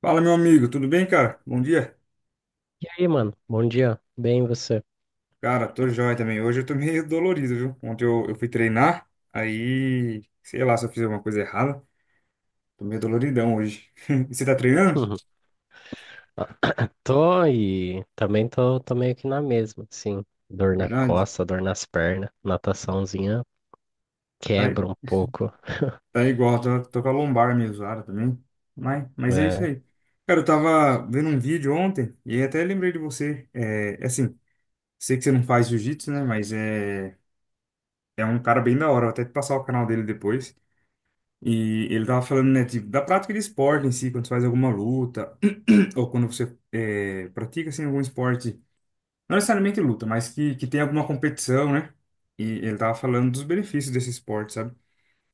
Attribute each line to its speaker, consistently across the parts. Speaker 1: Fala, meu amigo, tudo bem, cara? Bom dia.
Speaker 2: E aí, mano? Bom dia. Bem, e você?
Speaker 1: Cara, tô jóia também. Hoje eu tô meio dolorido, viu? Ontem eu fui treinar, aí, sei lá se eu fiz alguma coisa errada. Tô meio doloridão hoje. E Você tá treinando?
Speaker 2: Uhum. Tô e também tô meio que na mesma, assim. Dor na
Speaker 1: Verdade.
Speaker 2: costa, dor nas pernas, nataçãozinha
Speaker 1: Tá,
Speaker 2: quebra um pouco.
Speaker 1: tá igual, tô com a lombar meio zoada também. Mas é isso
Speaker 2: É.
Speaker 1: aí. Cara, eu tava vendo um vídeo ontem e até lembrei de você. É assim, sei que você não faz jiu-jitsu, né? Mas é, é um cara bem da hora. Vou até te passar o canal dele depois. E ele tava falando, né, tipo, da prática de esporte em si, quando você faz alguma luta, ou quando você pratica, assim, algum esporte, não necessariamente luta, mas que tem alguma competição, né? E ele tava falando dos benefícios desse esporte, sabe?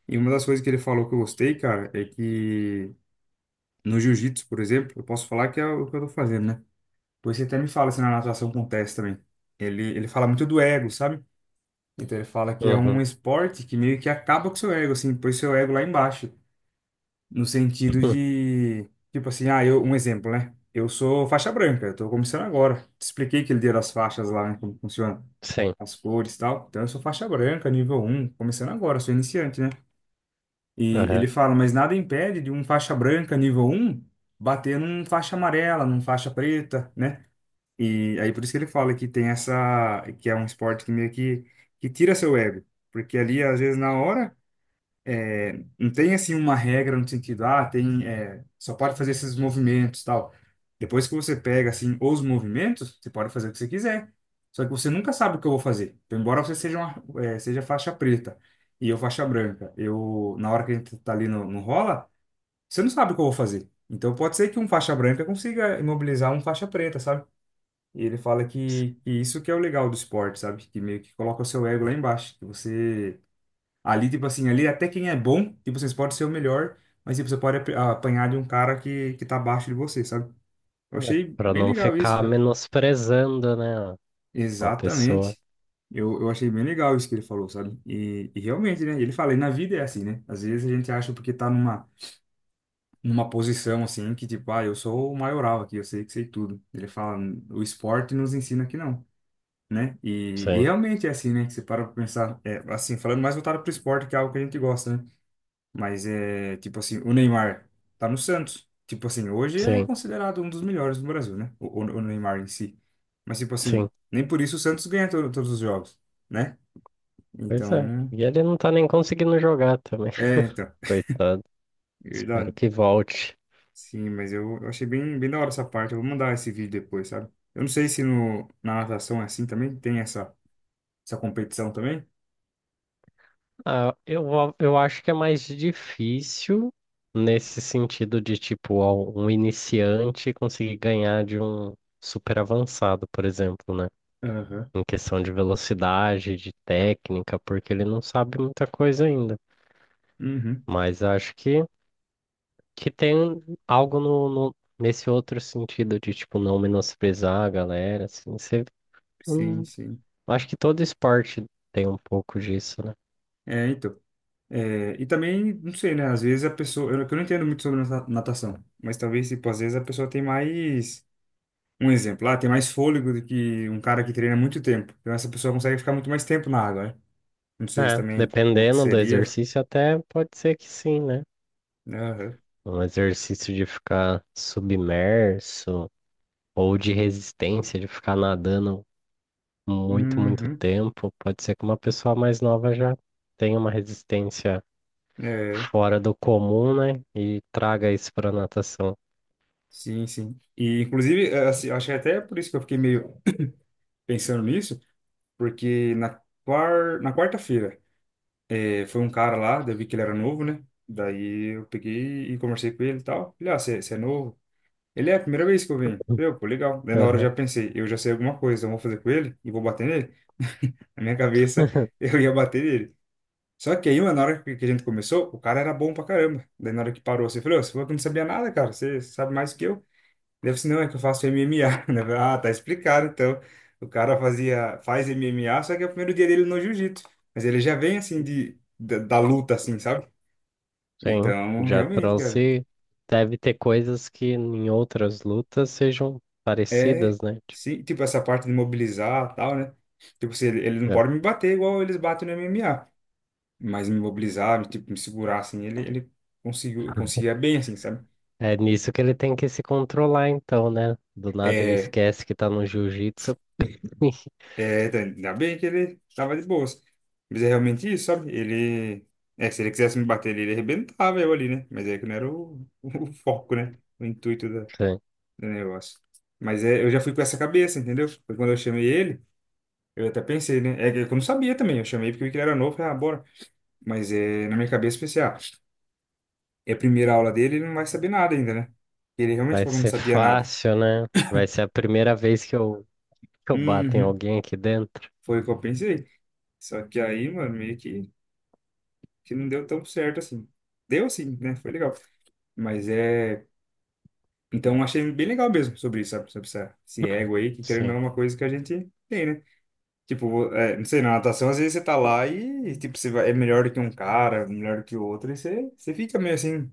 Speaker 1: E uma das coisas que ele falou que eu gostei, cara, é que no jiu-jitsu, por exemplo, eu posso falar que é o que eu tô fazendo, né? Pois você até me fala se na natação acontece também. Ele fala muito do ego, sabe? Então ele fala que é um
Speaker 2: Uhum.
Speaker 1: esporte que meio que acaba com o seu ego, assim, põe seu ego lá embaixo. No sentido
Speaker 2: Hum,
Speaker 1: de, tipo assim, ah, eu, um exemplo, né? Eu sou faixa branca, eu tô começando agora. Te expliquei aquele dia das faixas lá, né? Como funciona,
Speaker 2: sim.
Speaker 1: as cores e tal. Então eu sou faixa branca, nível um começando agora, sou iniciante, né? E
Speaker 2: Aham.
Speaker 1: ele fala, mas nada impede de um faixa branca, nível um bater num faixa amarela, num faixa preta, né? E aí por isso que ele fala que tem essa, que é um esporte que meio que tira seu ego. Porque ali, às vezes, na hora não tem assim uma regra no sentido, ah, tem, é, só pode fazer esses movimentos, e tal. Depois que você pega assim os movimentos, você pode fazer o que você quiser. Só que você nunca sabe o que eu vou fazer. Então, embora você seja uma, é, seja faixa preta e eu faixa branca, eu na hora que a gente tá ali no, no rola, você não sabe o que eu vou fazer. Então pode ser que um faixa branca consiga imobilizar um faixa preta, sabe? E ele fala que isso que é o legal do esporte, sabe? Que meio que coloca o seu ego lá embaixo, que você ali, tipo assim, ali até quem é bom, tipo, vocês podem ser o melhor, mas tipo, você pode apanhar de um cara que tá abaixo de você, sabe? Eu
Speaker 2: É,
Speaker 1: achei
Speaker 2: pra
Speaker 1: bem
Speaker 2: não
Speaker 1: legal isso,
Speaker 2: ficar
Speaker 1: cara.
Speaker 2: menosprezando, né, a pessoa.
Speaker 1: Exatamente. Eu achei bem legal isso que ele falou, sabe? E realmente, né? Ele fala, e na vida é assim, né? Às vezes a gente acha porque tá numa, numa posição assim, que tipo, ah, eu sou o maioral aqui, eu sei que sei tudo. Ele fala, o esporte nos ensina que não, né? E
Speaker 2: Sim,
Speaker 1: realmente é assim, né? Que você para pra pensar, é, assim, falando mais voltado pro esporte, que é algo que a gente gosta, né? Mas é tipo assim, o Neymar tá no Santos. Tipo assim, hoje é
Speaker 2: sim,
Speaker 1: considerado um dos melhores do Brasil, né? O, o Neymar em si. Mas tipo assim,
Speaker 2: sim.
Speaker 1: nem por isso o Santos ganha todos os jogos, né?
Speaker 2: Pois é.
Speaker 1: Então,
Speaker 2: E ele não tá nem conseguindo jogar também.
Speaker 1: então,
Speaker 2: Coitado.
Speaker 1: é
Speaker 2: Espero
Speaker 1: verdade.
Speaker 2: que volte.
Speaker 1: Sim, mas eu achei bem, bem da hora essa parte. Eu vou mandar esse vídeo depois, sabe? Eu não sei se no, na natação é assim também, tem essa, essa competição também.
Speaker 2: Ah, eu acho que é mais difícil nesse sentido de, tipo, ó, um iniciante conseguir ganhar de um super avançado, por exemplo, né?
Speaker 1: Aham.
Speaker 2: Em questão de velocidade, de técnica, porque ele não sabe muita coisa ainda.
Speaker 1: Uhum.
Speaker 2: Mas acho que tem algo nesse outro sentido de, tipo, não menosprezar a galera, assim. Você,
Speaker 1: Sim,
Speaker 2: hum,
Speaker 1: sim.
Speaker 2: acho que todo esporte tem um pouco disso, né?
Speaker 1: É, então. É, e também, não sei, né? Às vezes a pessoa. Eu, que eu não entendo muito sobre natação, mas talvez, tipo, às vezes a pessoa tem mais. Um exemplo, lá tem mais fôlego do que um cara que treina muito tempo. Então essa pessoa consegue ficar muito mais tempo na água, né? Não sei se
Speaker 2: É,
Speaker 1: também
Speaker 2: dependendo do
Speaker 1: aconteceria.
Speaker 2: exercício, até pode ser que sim, né?
Speaker 1: Né, aham.
Speaker 2: Um exercício de ficar submerso ou de resistência, de ficar nadando muito, muito
Speaker 1: Uhum.
Speaker 2: tempo. Pode ser que uma pessoa mais nova já tenha uma resistência
Speaker 1: É,
Speaker 2: fora do comum, né? E traga isso para natação.
Speaker 1: sim, sim. E, inclusive, é, assim, eu acho que é até por isso que eu fiquei meio pensando nisso, porque na, na quarta-feira é, foi um cara lá, daí eu vi que ele era novo, né? Daí eu peguei e conversei com ele e tal. Falei, ah, você é novo? Ele é a primeira vez que eu venho. Eu, pô, legal. Daí na hora eu
Speaker 2: Aham.
Speaker 1: já pensei, eu já sei alguma coisa, eu vou fazer com ele e vou bater nele. Na minha cabeça, eu ia bater nele. Só que aí, mano, na hora que a gente começou, o cara era bom pra caramba. Daí na hora que parou, você falou, "Ô, você falou que não sabia nada, cara, você sabe mais que eu. Deve ser, não, é que eu faço MMA. Daí eu falei, ah, tá explicado, então. O cara fazia, faz MMA, só que é o primeiro dia dele no jiu-jitsu. Mas ele já vem, assim, de, da, da luta, assim, sabe?
Speaker 2: Sim,
Speaker 1: Então,
Speaker 2: já
Speaker 1: realmente, cara.
Speaker 2: trouxe. Deve ter coisas que em outras lutas sejam
Speaker 1: É,
Speaker 2: parecidas, né? Tipo,
Speaker 1: sim, tipo, essa parte de mobilizar e tal, né? Tipo, se ele, ele não
Speaker 2: é
Speaker 1: pode me bater igual eles batem no MMA, mas me mobilizar, me, tipo, me segurar, assim, ele conseguiu, conseguia bem, assim, sabe?
Speaker 2: é nisso que ele tem que se controlar, então, né? Do nada ele
Speaker 1: É,
Speaker 2: esquece que tá no jiu-jitsu.
Speaker 1: tá, ainda bem que ele tava de boas. Mas é realmente isso, sabe? Ele, é, se ele quisesse me bater, ele arrebentava eu ali, né? Mas é que não era o, o foco, né? O intuito da, do negócio. Mas é, eu já fui com essa cabeça, entendeu? Foi quando eu chamei ele, eu até pensei, né? É que eu não sabia também, eu chamei porque eu vi que ele era novo, falei, ah, bora. Mas é, na minha cabeça eu pensei, ah, é a primeira aula dele, ele não vai saber nada ainda, né? Ele realmente
Speaker 2: Vai
Speaker 1: falou que não
Speaker 2: ser
Speaker 1: sabia nada.
Speaker 2: fácil, né? Vai ser a primeira vez que que eu bato em
Speaker 1: Uhum,
Speaker 2: alguém aqui dentro.
Speaker 1: foi o que eu pensei. Só que aí, mano, meio que não deu tão certo assim. Deu sim, né? Foi legal. Mas é. Então achei bem legal mesmo sobre isso, sabe? Sobre essa, esse ego aí, que querendo ou
Speaker 2: Sim.
Speaker 1: não é uma coisa que a gente tem, né? Tipo, é, não sei, na natação às vezes você tá lá e, tipo, você é melhor do que um cara, melhor do que o outro, e você, você fica meio assim,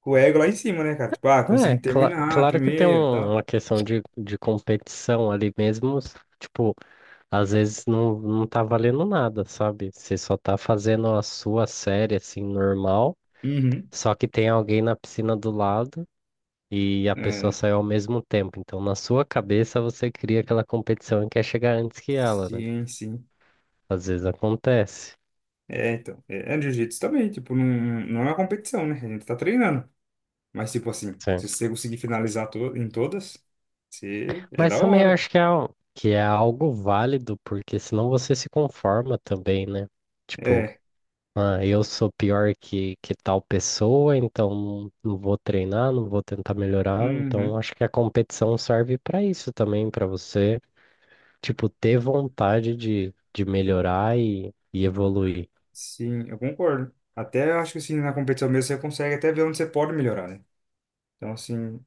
Speaker 1: com o ego lá em cima, né, cara? Tipo, ah, consegui
Speaker 2: É,
Speaker 1: terminar
Speaker 2: claro que tem
Speaker 1: primeiro e tal.
Speaker 2: uma questão de competição ali mesmo. Tipo, às vezes não, não tá valendo nada, sabe? Você só tá fazendo a sua série, assim, normal.
Speaker 1: Uhum.
Speaker 2: Só que tem alguém na piscina do lado e a pessoa
Speaker 1: É,
Speaker 2: saiu ao mesmo tempo. Então, na sua cabeça, você cria aquela competição e quer chegar antes que ela, né?
Speaker 1: sim, sim.
Speaker 2: Às vezes acontece.
Speaker 1: É, então, é, é jiu-jitsu também, tipo, não, não é uma competição, né? A gente tá treinando. Mas, tipo assim, se você conseguir finalizar to em todas, você, é da
Speaker 2: Mas também
Speaker 1: hora.
Speaker 2: acho que é, que é algo válido, porque senão você se conforma também, né? Tipo,
Speaker 1: É,
Speaker 2: ah, eu sou pior que tal pessoa, então não não vou treinar, não vou tentar melhorar. Então
Speaker 1: uhum,
Speaker 2: acho que a competição serve para isso também, para você, tipo, ter vontade de melhorar e evoluir.
Speaker 1: sim, eu concordo. Até eu acho que, assim, na competição mesmo você consegue até ver onde você pode melhorar, né? Então, assim,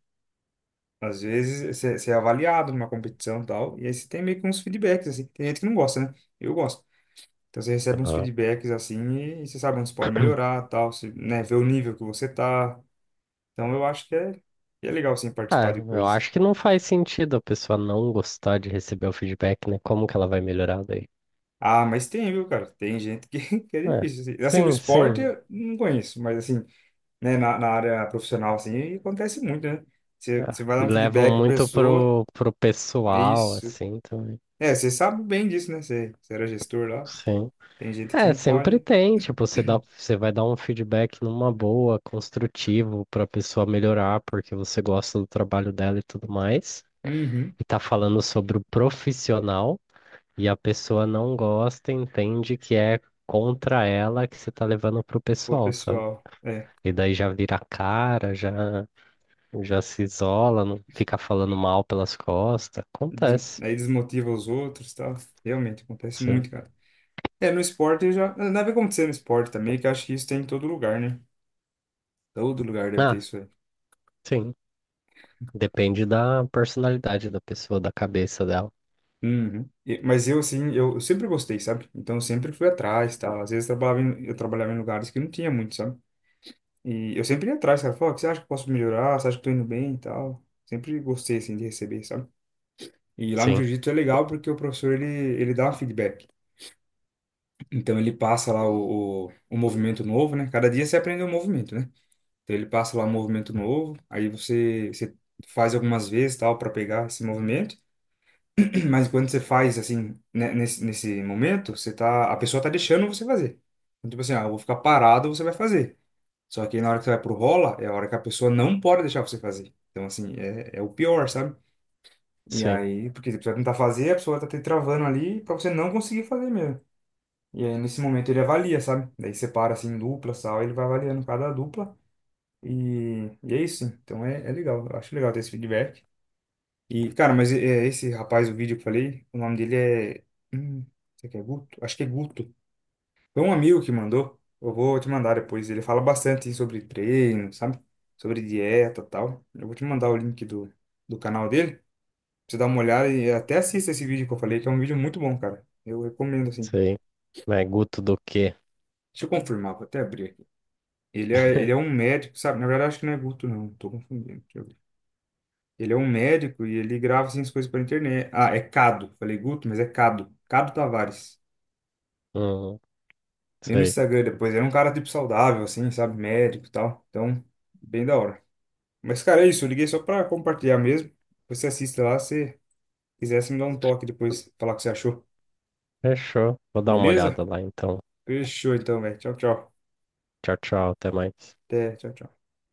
Speaker 1: às vezes você, você é avaliado numa competição e tal, e aí você tem meio que uns feedbacks, assim. Tem gente que não gosta, né? Eu gosto. Então você recebe uns
Speaker 2: Aham.
Speaker 1: feedbacks assim e você sabe onde você pode melhorar, tal, você, né, vê o nível que você tá. Então eu acho que é legal sim
Speaker 2: Ah,
Speaker 1: participar de
Speaker 2: eu
Speaker 1: coisas.
Speaker 2: acho que não faz sentido a pessoa não gostar de receber o feedback, né? Como que ela vai melhorar daí?
Speaker 1: Ah, mas tem, viu, cara? Tem gente que, que é
Speaker 2: É.
Speaker 1: difícil. Assim, assim, no
Speaker 2: Sim,
Speaker 1: esporte
Speaker 2: sim.
Speaker 1: eu não conheço, mas assim, né, na, na área profissional assim, acontece muito, né? Você,
Speaker 2: É,
Speaker 1: você vai
Speaker 2: e
Speaker 1: dar um
Speaker 2: levam
Speaker 1: feedback pra
Speaker 2: muito
Speaker 1: pessoa,
Speaker 2: pro
Speaker 1: é
Speaker 2: pessoal,
Speaker 1: isso.
Speaker 2: assim, também.
Speaker 1: É, você sabe bem disso, né? Você era gestor lá.
Speaker 2: Sim.
Speaker 1: Tem gente que você
Speaker 2: É,
Speaker 1: não
Speaker 2: sempre
Speaker 1: pode.
Speaker 2: tem, tipo, você dá, você vai dar um feedback numa boa, construtivo, pra pessoa melhorar, porque você gosta do trabalho dela e tudo mais.
Speaker 1: Uhum.
Speaker 2: E tá falando sobre o profissional, e a pessoa não gosta, entende que é contra ela que você tá levando pro
Speaker 1: Pô,
Speaker 2: pessoal, sabe?
Speaker 1: pessoal. É.
Speaker 2: E daí já vira a cara, já, já se isola, não fica falando mal pelas costas.
Speaker 1: Des-
Speaker 2: Acontece.
Speaker 1: aí desmotiva os outros, e tal. Realmente acontece
Speaker 2: Sim.
Speaker 1: muito, cara. É, no esporte eu já. Deve acontecer no esporte também, que eu acho que isso tem em todo lugar, né? Todo lugar deve ter
Speaker 2: Ah,
Speaker 1: isso aí.
Speaker 2: sim, depende da personalidade da pessoa, da cabeça dela.
Speaker 1: Uhum. E- mas eu, assim, eu sempre gostei, sabe? Então eu sempre fui atrás, tal. Às vezes eu trabalhava em lugares que não tinha muito, sabe? E eu sempre ia atrás, cara. Falava, "Ó, o que você acha que eu posso melhorar? Você acha que eu tô indo bem e tal? Sempre gostei, assim, de receber, sabe? E lá no
Speaker 2: Sim,
Speaker 1: jiu-jitsu é legal porque o professor, ele dá um feedback. Então ele passa lá o movimento novo, né? Cada dia você aprende um movimento, né? Então ele passa lá um movimento novo, aí você, você faz algumas vezes tal para pegar esse movimento, mas quando você faz assim, né, nesse momento, você tá, a pessoa tá deixando você fazer. Então, tipo assim, ah, eu vou ficar parado, você vai fazer. Só que na hora que você vai pro rola, é a hora que a pessoa não pode deixar você fazer. Então, assim, é, é o pior, sabe? E
Speaker 2: sim,
Speaker 1: aí, porque você vai tentar fazer, a pessoa tá te travando ali pra você não conseguir fazer mesmo. E aí, nesse momento, ele avalia, sabe? Daí separa, assim, duplas e tal, ele vai avaliando cada dupla. E é isso. Então é, é legal. Eu acho legal ter esse feedback. E, cara, mas é, é esse rapaz, o vídeo que eu falei, o nome dele é. Hum, será que é Guto? Acho que é Guto. Foi um amigo que mandou. Eu vou te mandar depois. Ele fala bastante sobre treino, sabe? Sobre dieta e tal. Eu vou te mandar o link do, do canal dele. Pra você dar uma olhada e até assista esse vídeo que eu falei, que é um vídeo muito bom, cara. Eu recomendo, assim.
Speaker 2: sei. Mas Guto do quê?
Speaker 1: Deixa eu confirmar, vou até abrir aqui. Ele é um médico, sabe? Na verdade, acho que não é Guto, não. Tô confundindo. Deixa eu ver. Ele é um médico e ele grava assim, as coisas pra internet. Ah, é Cado. Falei Guto, mas é Cado. Cado Tavares.
Speaker 2: Hum,
Speaker 1: Vê no
Speaker 2: sei.
Speaker 1: Instagram depois. Ele é um cara tipo saudável, assim, sabe? Médico e tal. Então, bem da hora. Mas, cara, é isso. Eu liguei só pra compartilhar mesmo. Depois você assiste lá, se quiser, você me dá um toque depois, falar o que você achou.
Speaker 2: Fechou. Vou dar uma
Speaker 1: Beleza?
Speaker 2: olhada lá então.
Speaker 1: Fechou então, velho. Tchau, tchau.
Speaker 2: Tchau, tchau, até mais.
Speaker 1: Até, tchau, tchau.